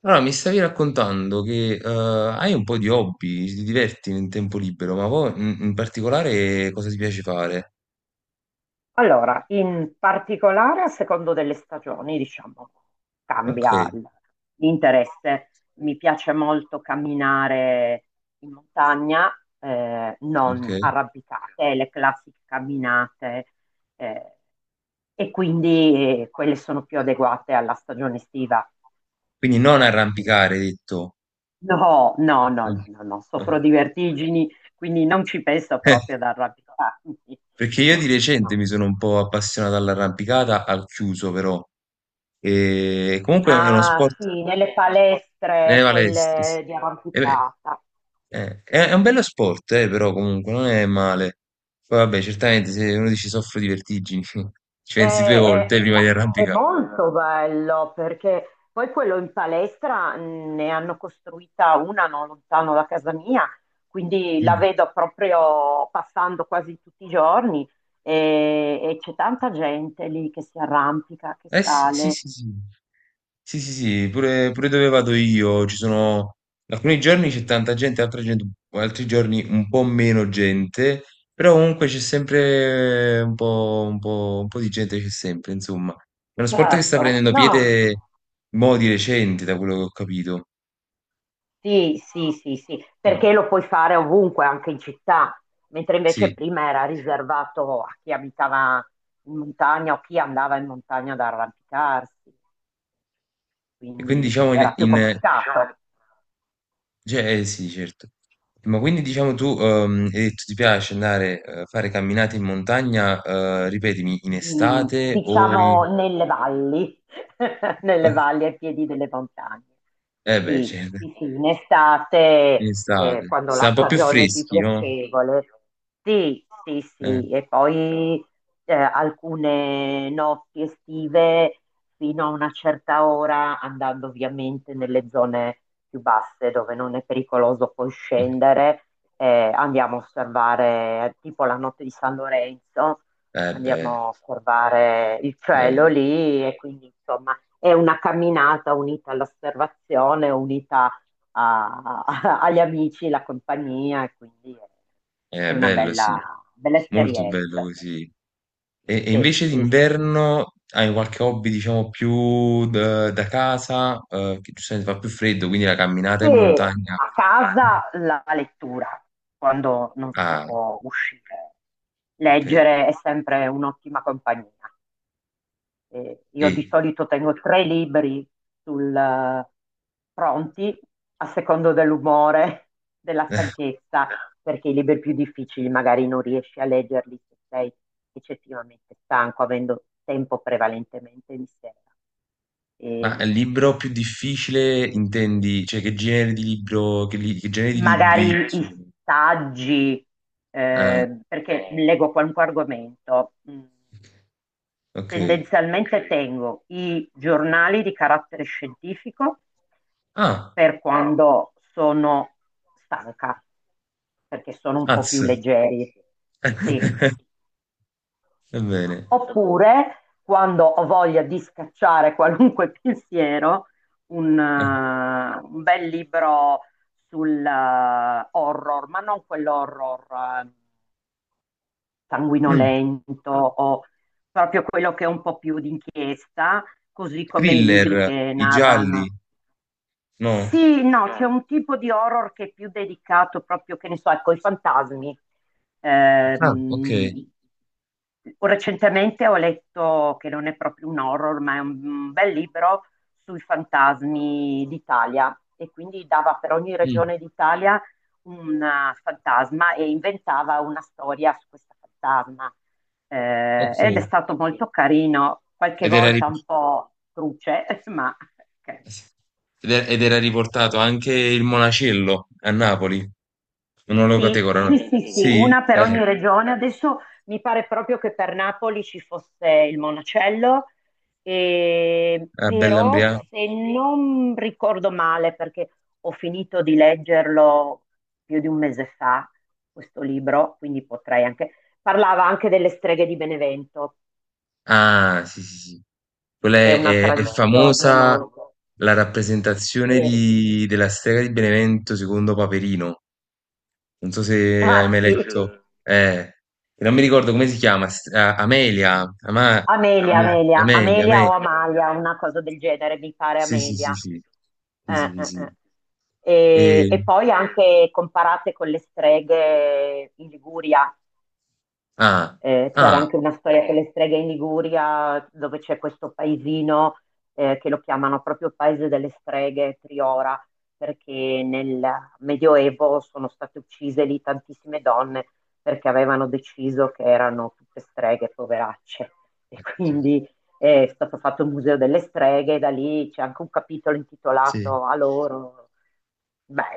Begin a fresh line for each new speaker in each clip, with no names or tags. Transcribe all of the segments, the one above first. Allora, mi stavi raccontando che hai un po' di hobby, ti diverti nel tempo libero, ma poi in particolare cosa ti piace fare?
Allora, in particolare a secondo delle stagioni, diciamo,
Ok,
cambia l'interesse. Mi piace molto camminare in montagna,
ok.
non arrampicate, le classiche camminate, eh, e quindi quelle sono più adeguate alla stagione estiva.
Quindi non
Perché...
arrampicare, hai detto.
No, no, no,
No,
no, no, no,
no.
soffro di vertigini, quindi non ci penso
Eh,
proprio ad arrampicarmi.
Perché io di
No,
recente
no.
mi sono un po' appassionato all'arrampicata al chiuso, però. E comunque è uno
Ah,
sport
sì, nelle
nelle
palestre,
palestre. Sì.
quelle di
E beh,
arrampicata.
È un bello sport, però comunque non è male. Poi vabbè, certamente se uno dice soffro di vertigini, ci pensi due volte prima di
Ma è
arrampicare.
molto bello perché poi quello in palestra ne hanno costruita una non lontano da casa mia, quindi
Mm.
la vedo proprio passando quasi tutti i giorni e, c'è tanta gente lì che si arrampica, che
Eh sì, sì,
sale.
sì, sì, sì, sì, sì, pure dove vado io ci sono alcuni giorni c'è tanta gente, altri giorni un po' meno gente, però comunque c'è sempre un po' di gente, c'è sempre, insomma. È uno sport che sta
Certo,
prendendo
no.
piede mo' di recente, da quello che ho capito.
Sì, sì, sì, sì,
Mm.
perché lo puoi fare ovunque, anche in città, mentre invece
Sì.
prima era riservato a chi abitava in montagna o chi andava in montagna ad arrampicarsi,
E quindi
quindi
diciamo
era più complicato.
cioè, sì, certo. Ma quindi diciamo tu hai detto ti piace andare a fare camminate in montagna, ripetimi, in estate o in.
Diciamo nelle valli, nelle
Ok.
valli ai piedi delle montagne.
Eh beh,
Sì,
certo,
sì, sì, in
in
estate,
estate.
quando
Sta
la
un po' più
stagione è più
freschi, no?
piacevole. Sì, sì,
Eh,
sì, e poi alcune notti estive fino a una certa ora, andando ovviamente nelle zone più basse dove non è pericoloso poi
ok.
scendere, andiamo a osservare tipo la notte di San Lorenzo,
Eh
andiamo
beh,
a osservare il cielo
bello.
lì e quindi insomma è una camminata unita all'osservazione, unita agli amici, la compagnia e quindi è è una
Bello, sì.
bella, bella
Molto bello
esperienza.
così. E
Sì,
invece
sì, sì.
d'inverno hai qualche hobby, diciamo, più da casa, che giustamente fa più freddo, quindi la camminata in
E
montagna.
a casa la lettura, quando non si
Ah,
può uscire.
ok.
Leggere è sempre un'ottima compagnia.
E,
Io di solito tengo tre libri sul, pronti a secondo dell'umore, della stanchezza, perché i libri più difficili magari non riesci a leggerli se sei eccessivamente stanco, avendo tempo prevalentemente di sera.
ma
E
il libro più difficile intendi? Cioè che genere di libro, che genere di
magari
libri
i
sono?
saggi,
Ah,
perché leggo qualunque argomento.
ok.
Tendenzialmente tengo i giornali di carattere scientifico
Ah,
per quando sono stanca, perché sono un po' più
az.
leggeri, sì.
Va bene.
Oppure quando ho voglia di scacciare qualunque pensiero,
Eh,
un bel libro sul horror, ma non quell'horror
mm,
sanguinolento o proprio quello che è un po' più d'inchiesta, così come i libri
Thriller,
che
i gialli,
narrano.
no?
Sì, no, c'è un tipo di horror che è più dedicato proprio, che ne so, ecco, ai fantasmi.
Ah, ok.
Ehm, Recentemente ho letto, che non è proprio un horror, ma è un bel libro sui fantasmi d'Italia e quindi dava per ogni
Mm,
regione d'Italia un fantasma e inventava una storia su questo fantasma. Ed è
ok.
stato molto carino, qualche
Ed era, ri-
volta un po' truce, ma... ok.
ed era riportato anche il Monacello a Napoli. Non lo
Sì,
categorano.
sì, sì, sì,
Sì,
una per ogni regione. Adesso mi pare proprio che per Napoli ci fosse il Monacello,
a
però
Bell'Ambriago.
se non ricordo male, perché ho finito di leggerlo più di un mese fa, questo libro, quindi potrei anche... Parlava anche delle streghe di Benevento,
Ah, sì, sì, sì. Quella
che è una
è
tradizione
famosa
molto...
la rappresentazione
Sì.
della strega di Benevento secondo Paperino. Non so se hai
Ah
mai
sì,
letto. Eh, Non mi ricordo come si chiama. Amelia.
Amelia, Amelia,
Amelia,
Amelia
Amelia.
o Amalia, una cosa del genere, mi pare
Sì, sì, sì,
Amelia.
sì. Sì, sì, sì, sì.
Eh.
E-
E poi anche comparate con le streghe in Liguria,
ah,
c'era
ah,
anche una storia con le streghe in Liguria, dove c'è questo paesino che lo chiamano proprio Paese delle Streghe, Priora, perché nel Medioevo sono state uccise lì tantissime donne perché avevano deciso che erano tutte streghe, poveracce. E
sì,
quindi è stato fatto il Museo delle Streghe, da lì c'è anche un capitolo
sì.
intitolato a loro.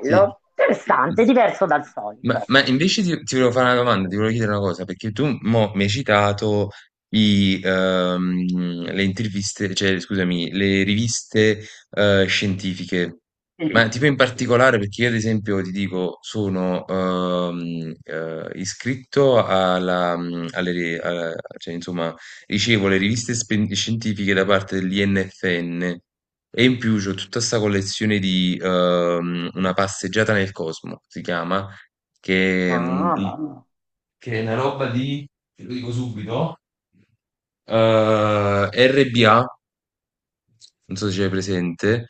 Sì.
interessante, diverso dal solito,
Ma
ecco.
invece ti volevo fare una domanda, ti volevo chiedere una cosa, perché tu mo' mi hai citato i, ehm, le interviste, cioè scusami, le riviste, scientifiche.
Mm.
Ma tipo in
Verifiche, sì.
particolare, perché io ad esempio ti dico, sono, iscritto alla mhmm, alle ri a cioè insomma ricevo le riviste spen scientifiche da parte dell'INFN. E in più c'ho tutta sta collezione di Una passeggiata nel cosmo, si chiama, che, mm,
No, no,
di-
no.
che è una roba di, te lo dico subito, RBA, non so se c'è presente,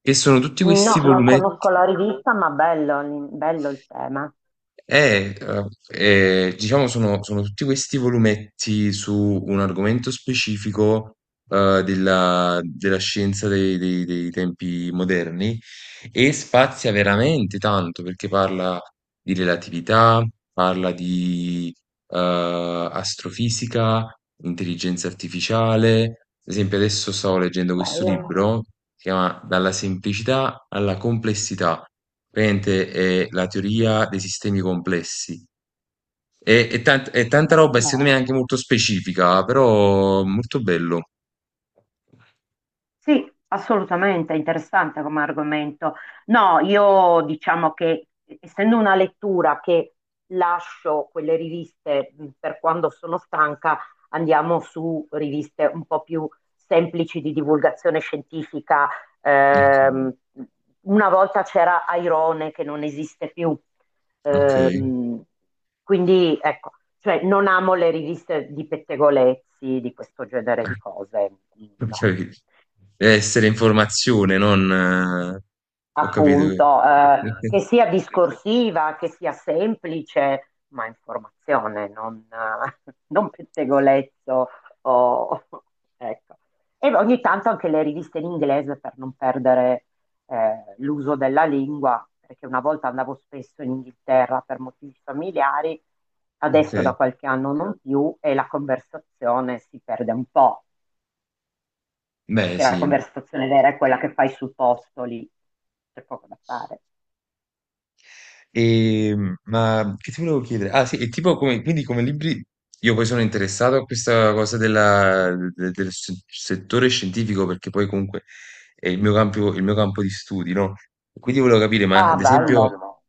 che sono tutti
Che no, non
questi
esatto.
volumetti,
Conosco la rivista, ma bello, bello il tema.
diciamo sono tutti questi volumetti su un argomento specifico della scienza dei tempi moderni. E spazia veramente tanto, perché parla di, relatività, parla di astrofisica, intelligenza artificiale. Ad esempio adesso stavo leggendo questo
Bello,
libro, si chiama Dalla semplicità alla complessità. Praticamente è la teoria dei sistemi complessi. È tanta
bello,
roba e secondo me
no?
anche molto specifica, però molto bello.
Sì, assolutamente è interessante come argomento. No, io diciamo che essendo una lettura che lascio quelle riviste per quando sono stanca, andiamo su riviste un po' più semplici di divulgazione scientifica. Ehm, una volta c'era Airone che non esiste più.
Ok.
Ehm, quindi ecco, cioè non amo le riviste di pettegolezzi, di questo genere
Ok.
di cose.
Ho
No.
capito. Deve essere informazione, non ho capito che
Appunto, che sia discorsiva, che sia semplice, ma informazione, non, non pettegolezzo. o- ecco. E ogni tanto anche le riviste in inglese per non perdere l'uso della lingua, perché una volta andavo spesso in Inghilterra per motivi familiari, adesso da
okay.
qualche anno non più e la conversazione si perde un po',
Beh,
perché la
sì.
conversazione vera è quella che fai sul posto lì, c'è poco da fare.
Ma che ti volevo chiedere? Ah, sì, e tipo come quindi come libri io poi sono interessato a questa cosa della de del se settore scientifico, perché poi comunque è il mio campo di studi, no, quindi volevo capire,
Ah, bello.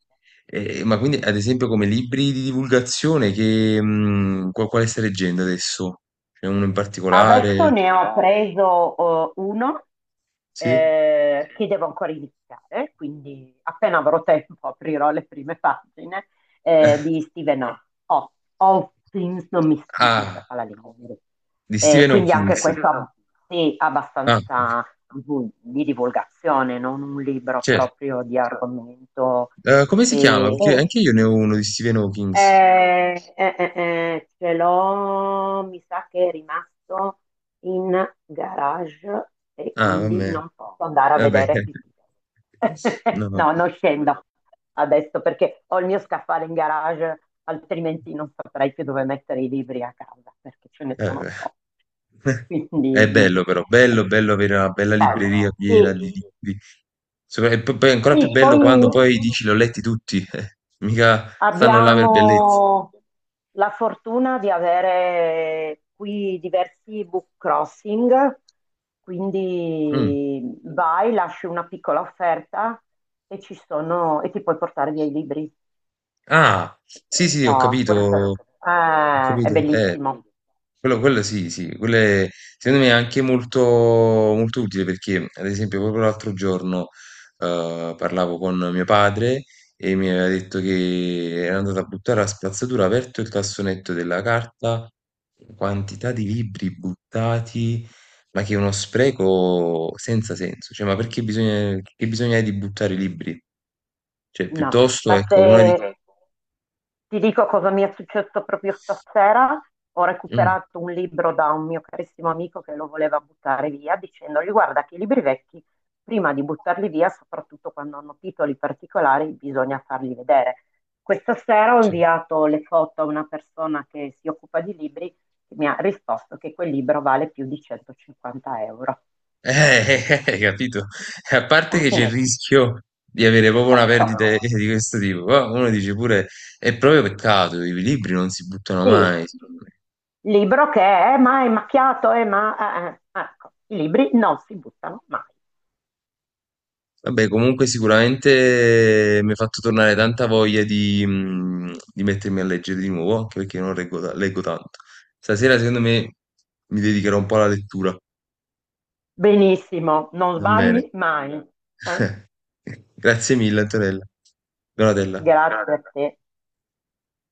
ma quindi ad esempio come libri di divulgazione che quale stai leggendo adesso? C'è uno in
Adesso
particolare?
ne ho preso uno
Sì?
che devo ancora iniziare, quindi appena avrò tempo aprirò le prime pagine
Eh,
di Stephen Hawking, non mi, mi si dice
Ah,
fa la lingua inglese.
di Stephen
Quindi anche
Hawkings.
questo sì,
Ah, ok.
abbastanza di divulgazione, non un libro
Certo.
proprio di Hawking. Argomento.
Come si chiama?
E,
Perché anche
e-
io ne ho uno di Stephen Hawkings.
Ce l'ho, mi sa che è rimasto in garage e
Ah,
quindi
vabbè.
non posso andare a
Vabbè.
vedere il titolo.
No, no.
No, non scendo adesso perché ho il mio scaffale in garage, altrimenti non saprei più dove mettere i libri a casa perché ce ne sono troppi.
Beh. È
Quindi,
bello però,
eh,
bello, bello avere una bella libreria
bello.
piena di
Capito.
libri. E poi è
Sì,
ancora più
sì,
bello
poi
quando poi dici l'ho letti tutti, eh. Mica stanno là per bellezza.
abbiamo la fortuna di avere qui diversi book crossing,
Mm.
quindi vai, lasci una piccola offerta e ci sono, e ti puoi portare via i libri.
Ah, sì, sì, ho
Ah, questo
capito, ho
è
capito.
bellissimo.
Quello sì, sì, secondo me è anche molto, molto utile perché, ad esempio, proprio l'altro giorno parlavo con mio padre e mi aveva detto che era andato a buttare la spazzatura, ha aperto il cassonetto della carta, quantità di libri buttati, ma che è uno spreco senza senso. Cioè, ma perché bisogna, che bisogna di buttare i libri? Cioè,
No,
piuttosto,
ma se
ecco, una di.
ecco, ti dico cosa mi è successo proprio stasera, ho
Mm,
recuperato un libro da un mio carissimo amico che lo voleva buttare via, dicendogli guarda che i libri vecchi, prima di buttarli via, soprattutto quando hanno titoli particolari, bisogna farli vedere. Questa sera ho
sì.
inviato le foto a una persona che si occupa di libri che mi ha risposto che quel libro vale più di 150 euro.
Eh, hai capito? E a parte che c'è il
No,
rischio di avere proprio una perdita di questo tipo, qua uno dice pure è proprio peccato, i libri non si buttano
sì,
mai,
assolutamente.
secondo me.
Libro che è, ma è macchiato, è, ma... eh." Ecco, i libri non si buttano mai.
Vabbè, comunque sicuramente mi ha fatto tornare tanta voglia di mettermi a leggere di nuovo, anche perché non leggo, leggo tanto. Stasera, secondo me, mi dedicherò un po' alla lettura.
Benissimo, non
Va bene.
sbagli mai. Eh?
Grazie mille, Antonella. Donatella.
Grazie a te.